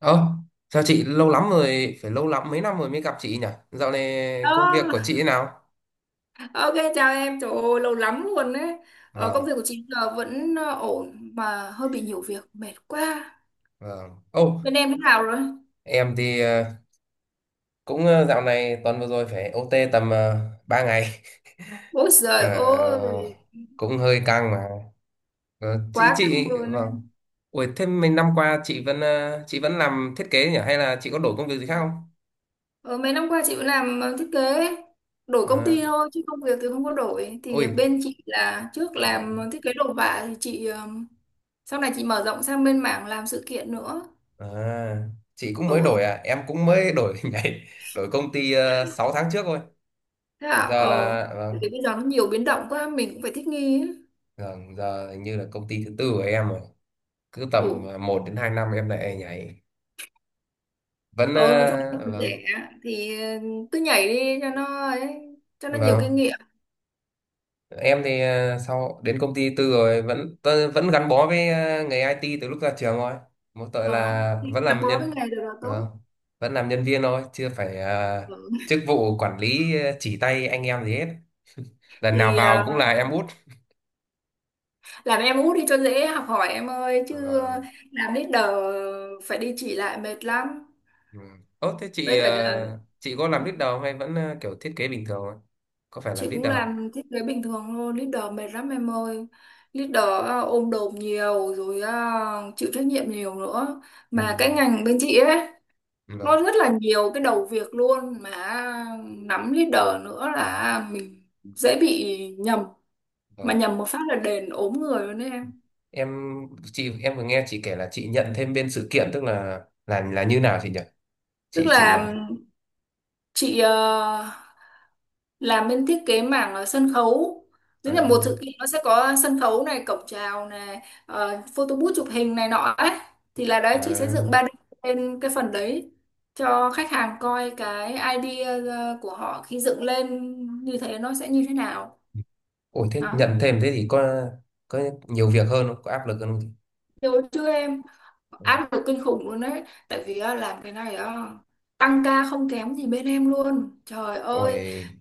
Ơ, chào chị lâu lắm rồi, phải lâu lắm mấy năm rồi mới gặp chị nhỉ? Dạo này công việc của Đó. chị thế nào? Ok chào em, trời ơi, lâu lắm luôn đấy. Công Vâng, việc của chị giờ vẫn ổn mà hơi bị nhiều việc, mệt quá. vâng. Ô, Bên em thế nào rồi? em thì cũng dạo này tuần vừa rồi phải OT tầm 3 ngày. Ôi giời Ờ, ơi, cũng hơi căng mà. Ờ, quá chị căng chị luôn á. vâng. Ủa thế mấy năm qua chị vẫn chị vẫn làm thiết kế nhỉ hay là chị có đổi công việc gì khác không? Ờ, Mấy năm qua chị cũng làm thiết kế, đổi công À, ty thôi chứ công việc thì không có đổi. ôi, Thì bên chị là trước làm vâng. thiết kế đồ họa thì chị sau này chị mở rộng sang bên mảng làm sự kiện nữa. À, chị cũng Ồ, mới đổi à, em cũng mới đổi nhảy, đổi công ty 6 tháng trước thôi. thế à? Giờ Ờ, là thì vâng. bây giờ nó nhiều biến động quá, mình cũng phải thích nghi ấy. Vâng, giờ hình như là công ty thứ tư của em rồi. Cứ Ồ. tầm một đến 2 năm em lại nhảy. Vẫn Ừ, nói chung là còn vâng, trẻ thì cứ nhảy đi cho nó ấy, cho nó nhiều kinh vâng. nghiệm. Em thì sau đến công ty tư rồi vẫn gắn bó với nghề IT từ lúc ra trường thôi. Mỗi tội Ờ, là vẫn gắn làm bó với nhân. nghề được là Vâng. tốt. Vẫn làm nhân viên thôi, chưa phải Ừ, chức vụ quản lý chỉ tay anh em gì hết. Lần nào thì vào ờ, cũng là em út. làm em út đi cho dễ học hỏi em ơi, chứ Vâng. làm leader phải đi chỉ lại mệt lắm. Ừ. Ơ thế chị Với cả là chị có làm leader không hay vẫn kiểu thiết kế bình thường thôi? Có phải làm chị cũng leader không? làm thiết kế bình thường thôi, leader mệt lắm em ơi. Leader ôm đồm nhiều rồi, chịu trách nhiệm nhiều nữa. Mà cái Ừ. ngành bên chị ấy Vâng, nó rất là nhiều cái đầu việc luôn, mà nắm leader nữa là mình dễ bị nhầm, mà vâng. nhầm một phát là đền ốm người luôn đấy em. Em chị em vừa nghe chị kể là chị nhận thêm bên sự kiện tức là là như nào chị nhỉ? Tức Chị, là chị làm bên thiết kế mảng sân khấu, tức à, là một sự kiện nó sẽ có sân khấu này, cổng chào này, photo booth chụp hình này nọ ấy, thì là đấy chị sẽ à. dựng 3D lên cái phần đấy cho khách hàng coi cái idea của họ khi dựng lên như thế nó sẽ như thế nào. Ôi thế Đó. nhận thêm thế thì có nhiều việc hơn không? Có áp lực hơn không chị? Hồi trước em Ừ. áp lực kinh khủng luôn đấy, tại vì á, làm cái này á, tăng ca không kém gì bên em luôn trời ơi. Ôi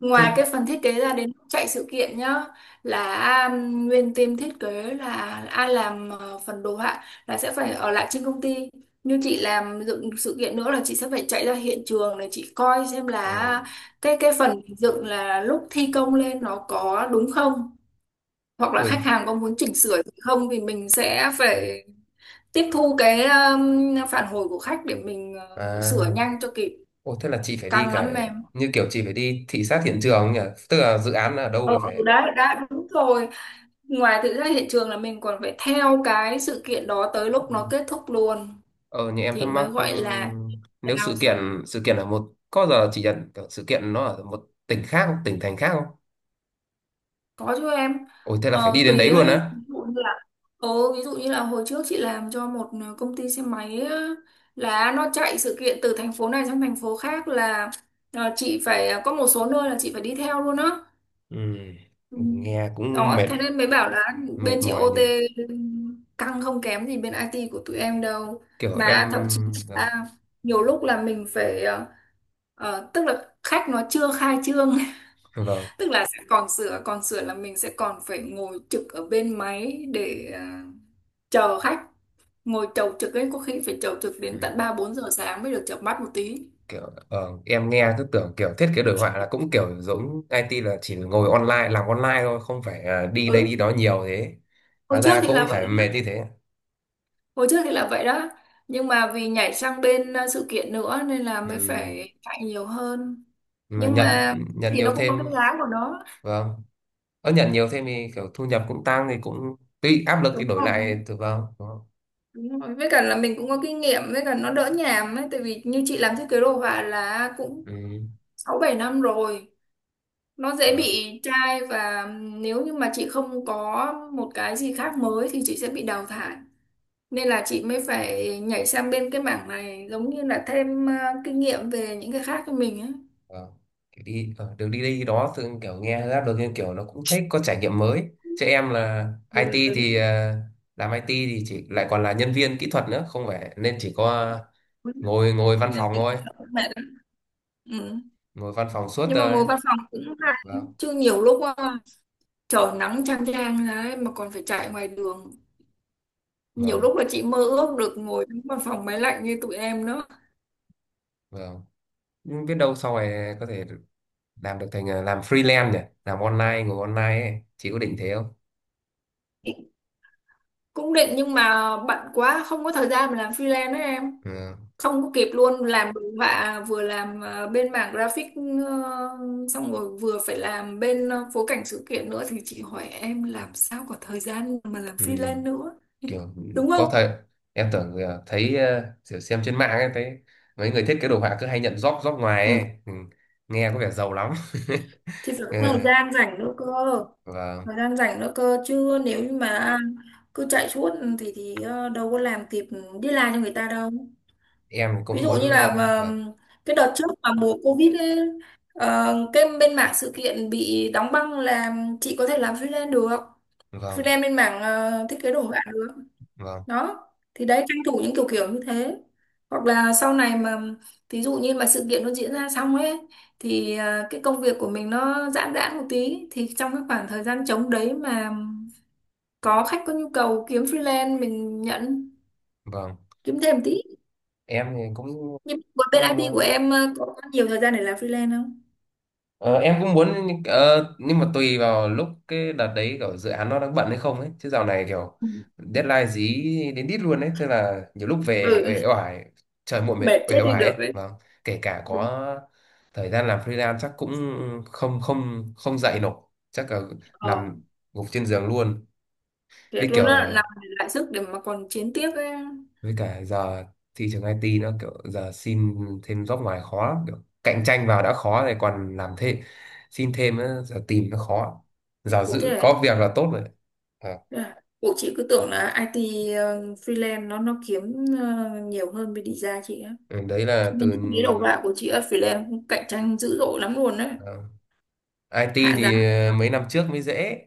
Ngoài thế cái phần thiết kế ra, đến lúc chạy sự kiện nhá, là nguyên team thiết kế là ai làm phần đồ họa là sẽ phải ở lại trên công ty. Như chị làm dựng sự kiện nữa là chị sẽ phải chạy ra hiện trường để chị coi xem là à, à, cái phần dựng là lúc thi công lên nó có đúng không, hoặc là khách ôi hàng có muốn chỉnh sửa gì không thì mình sẽ phải tiếp thu cái phản hồi của khách để mình sửa à, nhanh cho kịp. ôi thế là chị phải đi Căng lắm cả em. như kiểu chị phải đi thị sát hiện trường nhỉ? Tức là dự án ở đâu Ừ, là ừ, phải. đấy đã đúng rồi. Ngoài thực ra hiện trường là mình còn phải theo cái sự kiện đó tới lúc Ừ. nó kết thúc luôn Ờ như em thì thắc mắc mới gọi là nếu giao xong. sự kiện ở một có giờ chị nhận kiểu sự kiện nó ở một tỉnh khác không? Tỉnh thành khác không? Có chứ em. Ôi thế là phải Ờ, đi đến đấy tùy luôn ấy, ví á. dụ như là ừ, ví dụ như là hồi trước chị làm cho một công ty xe máy á, là nó chạy sự kiện từ thành phố này sang thành phố khác là chị phải có một số nơi là chị phải đi theo luôn á. Ừ. Ừ. Ừ, nghe cũng Đó, mệt thế nên mới bảo là mệt bên chị mỏi nhỉ. OT căng không kém gì bên IT của tụi em đâu. Kiểu em Mà thậm chí ờ, là nhiều lúc là mình phải tức là khách nó chưa khai trương, vâng, vâng. tức là sẽ còn sửa là mình sẽ còn phải ngồi trực ở bên máy để chờ khách, ngồi chầu trực ấy, có khi phải chầu trực Ừ. đến tận 3 4 giờ sáng mới được chợp mắt một tí. Kiểu em nghe cứ tưởng kiểu thiết kế đồ họa là cũng kiểu giống IT là chỉ ngồi online làm online thôi, không phải đi đây đi Ừ, đó nhiều thế. hồi Hóa trước ra thì là cũng vậy. phải mệt như thế. Hồi trước thì là vậy đó. Nhưng mà vì nhảy sang bên sự kiện nữa nên là mới Ừ. phải chạy nhiều hơn. Mà Nhưng nhận mà nhận thì nhiều nó cũng có thêm cái giá của nó. vâng. Ở nhận nhiều thêm thì kiểu thu nhập cũng tăng thì cũng tuy áp lực Đúng thì đổi không? lại thì vâng, đúng không? Đúng rồi. Với cả là mình cũng có kinh nghiệm, với cả nó đỡ nhàm ấy. Tại vì như chị làm thiết kế đồ họa là cũng Ừ. 6 7 năm rồi. Nó dễ Vâng. bị chai, và nếu như mà chị không có một cái gì khác mới thì chị sẽ bị đào thải. Nên là chị mới phải nhảy sang bên cái mảng này giống như là thêm kinh nghiệm về những cái khác cho mình ấy. Ờ, kiểu đi đường đi đi đó thường kiểu nghe rap được nhưng kiểu nó cũng thích có trải nghiệm mới chứ em là IT thì làm IT thì chỉ lại còn là nhân viên kỹ thuật nữa không phải nên chỉ có Ừ. ngồi ngồi văn Nên phòng vì thôi, cái thợ của mẹ. Ừ, ngồi văn phòng suốt nhưng mà thôi. ngồi văn phòng cũng hay, Vâng, chứ nhiều lúc trời nắng chang chang đấy mà còn phải chạy ngoài đường, nhiều vâng, lúc là chị mơ ước được ngồi trong văn phòng máy lạnh như tụi em nữa. vâng. Nhưng biết đâu sau này có thể làm được thành làm freelance nhỉ, làm online ngồi online ấy. Chị có định thế không? Chị cũng định nhưng mà bận quá, không có thời gian mà làm freelance đấy em. Ừ. Không có kịp luôn, làm đồ họa vừa làm bên mảng graphic, ờ, xong rồi vừa phải làm bên phối cảnh sự kiện nữa, thì chị hỏi em làm sao có thời gian mà làm Ừ. freelance nữa. kiểu Đúng có không? thời Em tưởng thấy kiểu xem trên mạng ấy, thấy mấy người thiết kế đồ họa cứ hay nhận job job ngoài ấy, ừ, nghe có vẻ giàu lắm Thì phải ừ. có thời gian rảnh nữa cơ, Vâng, thời gian rảnh nữa cơ, chứ nếu như mà cứ chạy suốt ừ, thì đâu có làm kịp đi làm cho người ta đâu. em Ví cũng dụ như muốn là mà, ờ, cái đợt trước mà mùa Covid ấy, cái bên mảng sự kiện bị đóng băng là chị có thể làm freelance được, vâng, vâng, freelance bên mảng thiết kế đồ họa được. vâng, Đó, thì đấy tranh thủ những kiểu kiểu như thế, hoặc là sau này mà thí dụ như mà sự kiện nó diễn ra xong ấy thì à, cái công việc của mình nó giãn giãn một tí, thì trong cái khoảng thời gian trống đấy mà có khách có nhu cầu kiếm freelance mình nhận, vâng. kiếm thêm tí. Em thì cũng Nhưng mà bên cũng IT của muốn. em à, có nhiều thời gian để làm freelance không? Ờ, em cũng muốn nhưng nhưng mà tùy vào lúc cái đợt đấy kiểu dự án nó đang bận hay không ấy, chứ dạo này kiểu Ừ. deadline dí đến đít luôn ấy, thế là nhiều lúc về Ừ. uể oải trời muộn mệt Mệt chết uể đi oải ấy được đấy, vâng. Kể cả đúng. có thời gian làm freelance chắc cũng không không không dậy nổi, chắc là Ờ, nằm gục trên giường luôn. thế Với tôi nó kiểu lại làm lại sức để mà còn chiến tiếp ấy. với cả giờ thị trường IT nó kiểu giờ xin thêm job ngoài khó lắm, kiểu cạnh tranh vào đã khó rồi còn làm thêm xin thêm nữa, giờ tìm nó khó, giờ Ủa thế giữ là có việc là tốt rồi. Ờ, à, bộ chị cứ tưởng là IT freelance nó kiếm nhiều hơn bên design chị á. ừ, đấy Chị là mình từ thấy cái đầu vào của chị ở freelance cũng cạnh tranh dữ dội lắm luôn đấy. ờ, IT Hạ giá. thì mấy năm trước mới dễ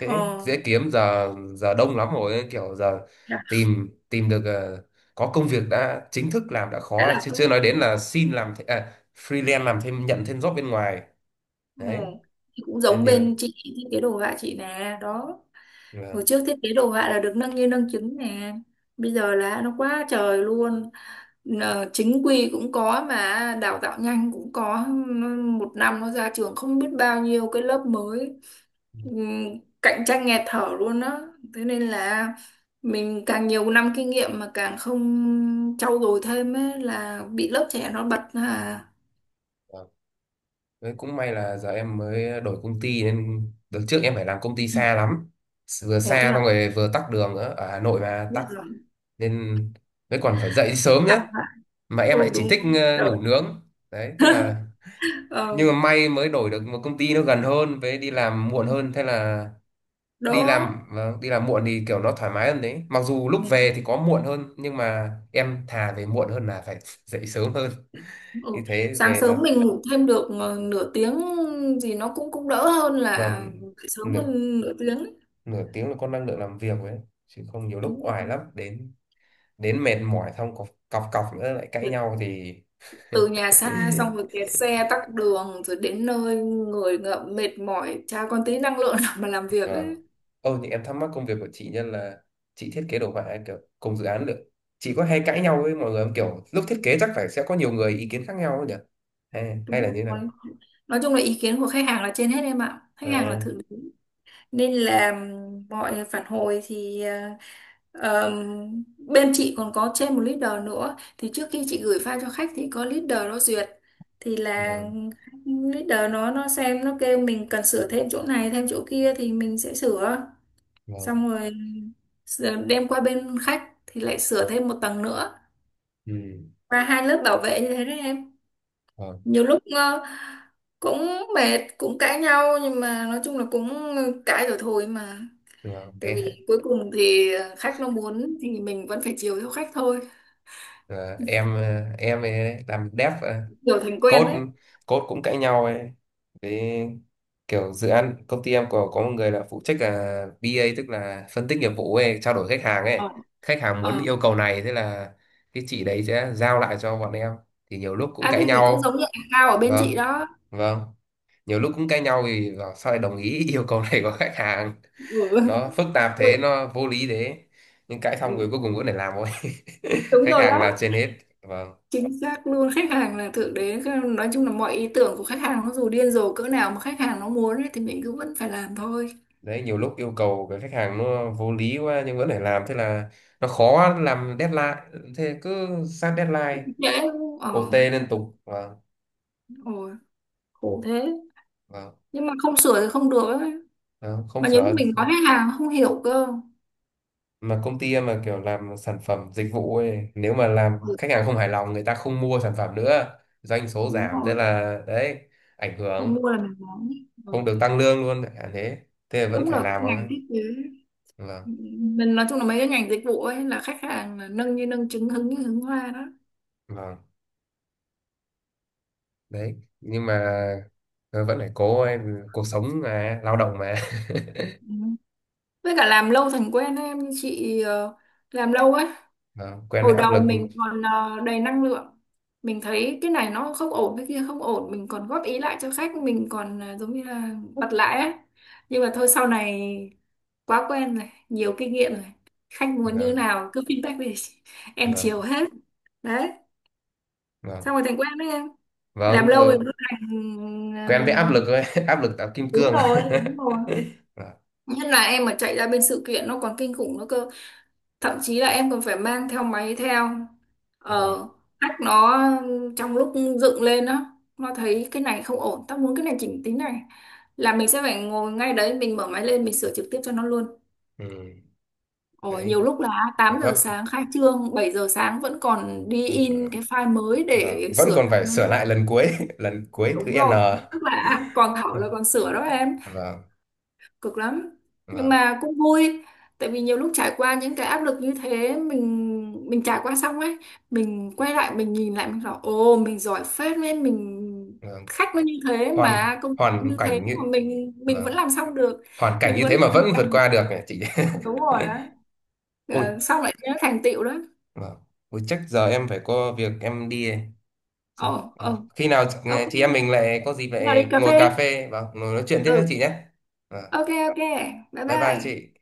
dễ Ờ, dễ kiếm giờ, giờ đông lắm rồi, kiểu giờ hạ tìm tìm được có công việc đã chính thức làm đã hạ khó rồi, là chứ chưa tốt. nói đến là xin làm freelance làm thêm nhận thêm job bên ngoài Ừ. đấy, Thì cũng nên giống nhờ bên chị thiết kế đồ họa chị nè đó, hồi vâng. trước thiết kế đồ họa là được nâng như nâng chứng nè, bây giờ là nó quá trời luôn. Nờ, chính quy cũng có mà đào tạo nhanh cũng có. Nó- một năm nó ra trường không biết bao nhiêu cái lớp mới. Cạnh tranh nghẹt thở luôn á. Thế nên là mình càng nhiều năm kinh nghiệm mà càng không trau dồi thêm ấy, là bị lớp trẻ nó bật à. Đấy, cũng may là giờ em mới đổi công ty nên đợt trước em phải làm công ty xa lắm, vừa Ồ thế xa xong nào, rồi vừa tắc đường nữa ở Hà Nội mà biết tắc rồi. nên mới còn phải dậy sớm nữa, mà em Ừ lại chỉ đúng thích rồi. Ngủ Đỡ. nướng đấy thế là, nhưng Ờ, mà may mới đổi được một công ty nó gần hơn với đi làm muộn hơn, thế là đi đỡ. làm vâng, đi làm muộn thì kiểu nó thoải mái hơn đấy, mặc dù lúc về Ừ. thì có muộn hơn nhưng mà em thà về muộn hơn là phải dậy sớm hơn, như Ừ. thế Sáng về nó sớm mình ngủ thêm được nửa tiếng gì nó cũng cũng đỡ hơn là dậy sớm vâng, hơn nửa tiếng ấy. nửa tiếng là con năng lượng làm việc ấy chứ không nhiều lúc Đúng rồi. oải lắm đến đến mệt mỏi xong cọc cọc, cọc nữa lại cãi Việc nhau thì từ nhà xa xong rồi kẹt xe tắc đường rồi đến nơi người ngợm mệt mỏi chả còn tí năng lượng nào mà làm việc Vâng. ấy. Ô, thì em thắc mắc công việc của chị nhân là chị thiết kế đồ họa ấy, kiểu cùng dự án được. Chị có hay cãi nhau với mọi người không? Kiểu lúc thiết kế chắc phải sẽ có nhiều người ý kiến khác nhau ấy nhỉ? Hay, hay Đúng là như thế rồi. nào? Nói chung là ý kiến của khách hàng là trên hết em ạ. Khách hàng là À, thượng, nên là mọi phản hồi thì bên chị còn có trên một leader nữa, thì trước khi chị gửi file cho khách thì có leader nó duyệt, thì là vâng, leader nó xem nó kêu mình cần sửa thêm chỗ này thêm chỗ kia thì mình sẽ sửa, vâng. xong rồi sửa- đem qua bên khách thì lại sửa thêm một tầng nữa, Ừ, và hai lớp bảo vệ như thế đấy em. vâng, Nhiều lúc cũng mệt cũng cãi nhau, nhưng mà nói chung là cũng cãi rồi thôi mà, vâng. tại Em, vì cuối cùng thì khách nó muốn thì mình vẫn phải chiều theo khách thôi, à, em, em ấy làm dev kiểu thành quen code đấy. code cũng cãi nhau ấy, với kiểu dự án công ty em có một người là phụ trách là BA tức là phân tích nghiệp vụ ấy, trao đổi khách hàng ấy, Ờ, khách hàng muốn ờ, yêu cầu này thế là cái chị đấy sẽ giao lại cho bọn em thì nhiều lúc cũng à cãi thế thì cũng nhau giống như anh Cao ở bên vâng chị đó. vâng, nhiều lúc cũng cãi nhau vì bảo sao lại đồng ý yêu cầu này của khách hàng, Ừ. nó phức tạp Ui, thế nó vô lý thế, nhưng cãi xong ừ, rồi cuối cùng vẫn phải làm thôi đúng khách rồi hàng là đó, trên hết vâng. chính xác luôn, khách hàng là thượng đế. Nói chung là mọi ý tưởng của khách hàng nó dù điên rồ cỡ nào mà khách hàng nó muốn ấy, thì mình cứ vẫn phải làm thôi. Đấy, nhiều lúc yêu cầu cái khách hàng nó vô lý quá nhưng vẫn phải làm, thế là nó khó làm deadline, thế cứ sát deadline Dễ. Ờ, OT liên tục vâng ôi khổ thế, vâng. nhưng mà không sửa thì không được ấy, Đó, không mà nhiều sửa lúc mình nói khách hàng nó không hiểu cơ. mà công ty em mà kiểu làm sản phẩm dịch vụ ấy, nếu mà làm Ừ, khách hàng không hài lòng người ta không mua sản phẩm nữa doanh số đúng giảm thế rồi. là đấy, ảnh Không hưởng mua là mình nói. Ừ. không được tăng lương luôn à, thế thế là vẫn Cũng là phải cái làm thôi ngành thiết kế, vâng mình nói chung là mấy cái ngành dịch vụ ấy là khách hàng là nâng như nâng trứng hứng như hứng hoa đó. vâng. Đấy nhưng mà vẫn phải cố em, cuộc sống mà, lao động mà Ừ. Với cả làm lâu thành quen ấy, em, như chị làm lâu ấy, vâng, quen với hồi áp lực đầu mình còn đầy năng lượng, mình thấy cái này nó không ổn cái kia không ổn, mình còn góp ý lại cho khách, mình còn giống như là bật lại ấy. Nhưng mà thôi sau này quá quen rồi, nhiều kinh nghiệm rồi, khách muốn như vâng nào cứ feedback về, em vâng chiều hết. Đấy, vâng xong rồi thành quen đấy em, làm vâng lâu rồi rồi, nó thành. quen với áp lực rồi áp lực tạo kim Đúng cương rồi, đúng rồi. vâng Nhất là em mà chạy ra bên sự kiện nó còn kinh khủng nữa cơ. Thậm chí là em còn phải mang theo máy theo. vâng Ờ, hack nó trong lúc dựng lên á, nó thấy cái này không ổn, tao muốn cái này chỉnh tính này. Là mình sẽ phải ngồi ngay đấy, mình mở máy lên, mình sửa trực tiếp cho nó luôn. ừ. Ồ, Đấy nhiều lúc là 8 giờ gấp sáng khai trương, 7 giờ sáng vẫn còn đi in cái file mới vâng, để vẫn sửa còn lại phải luôn. sửa lại lần cuối lần cuối thứ Đúng n rồi, tức là à, còn thảo là còn sửa đó em. vâng Cực lắm, nhưng vâng mà cũng vui, tại vì nhiều lúc trải qua những cái áp lực như thế, mình trải qua xong ấy, mình quay lại mình nhìn lại mình bảo ồ mình giỏi phết, nên mình, vâng khách nó như thế hoàn mà công việc hoàn như thế cảnh như mà mình vâng vẫn làm xong được, hoàn cảnh mình như vẫn thế mà hoàn vẫn vượt thành, qua được này chị đúng rồi đó. Ờ, ôi xong lại nhớ thành tựu đó. vâng. Ôi chắc giờ em phải có việc em đi. Ồ Ừ. ồ, Khi nào ok, chị em mình lại có dịp vào đi lại cà ngồi cà phê. phê và ngồi nói chuyện tiếp với chị Ừ, nhé. Vâng. ok ok, bye Bye bye bye. chị.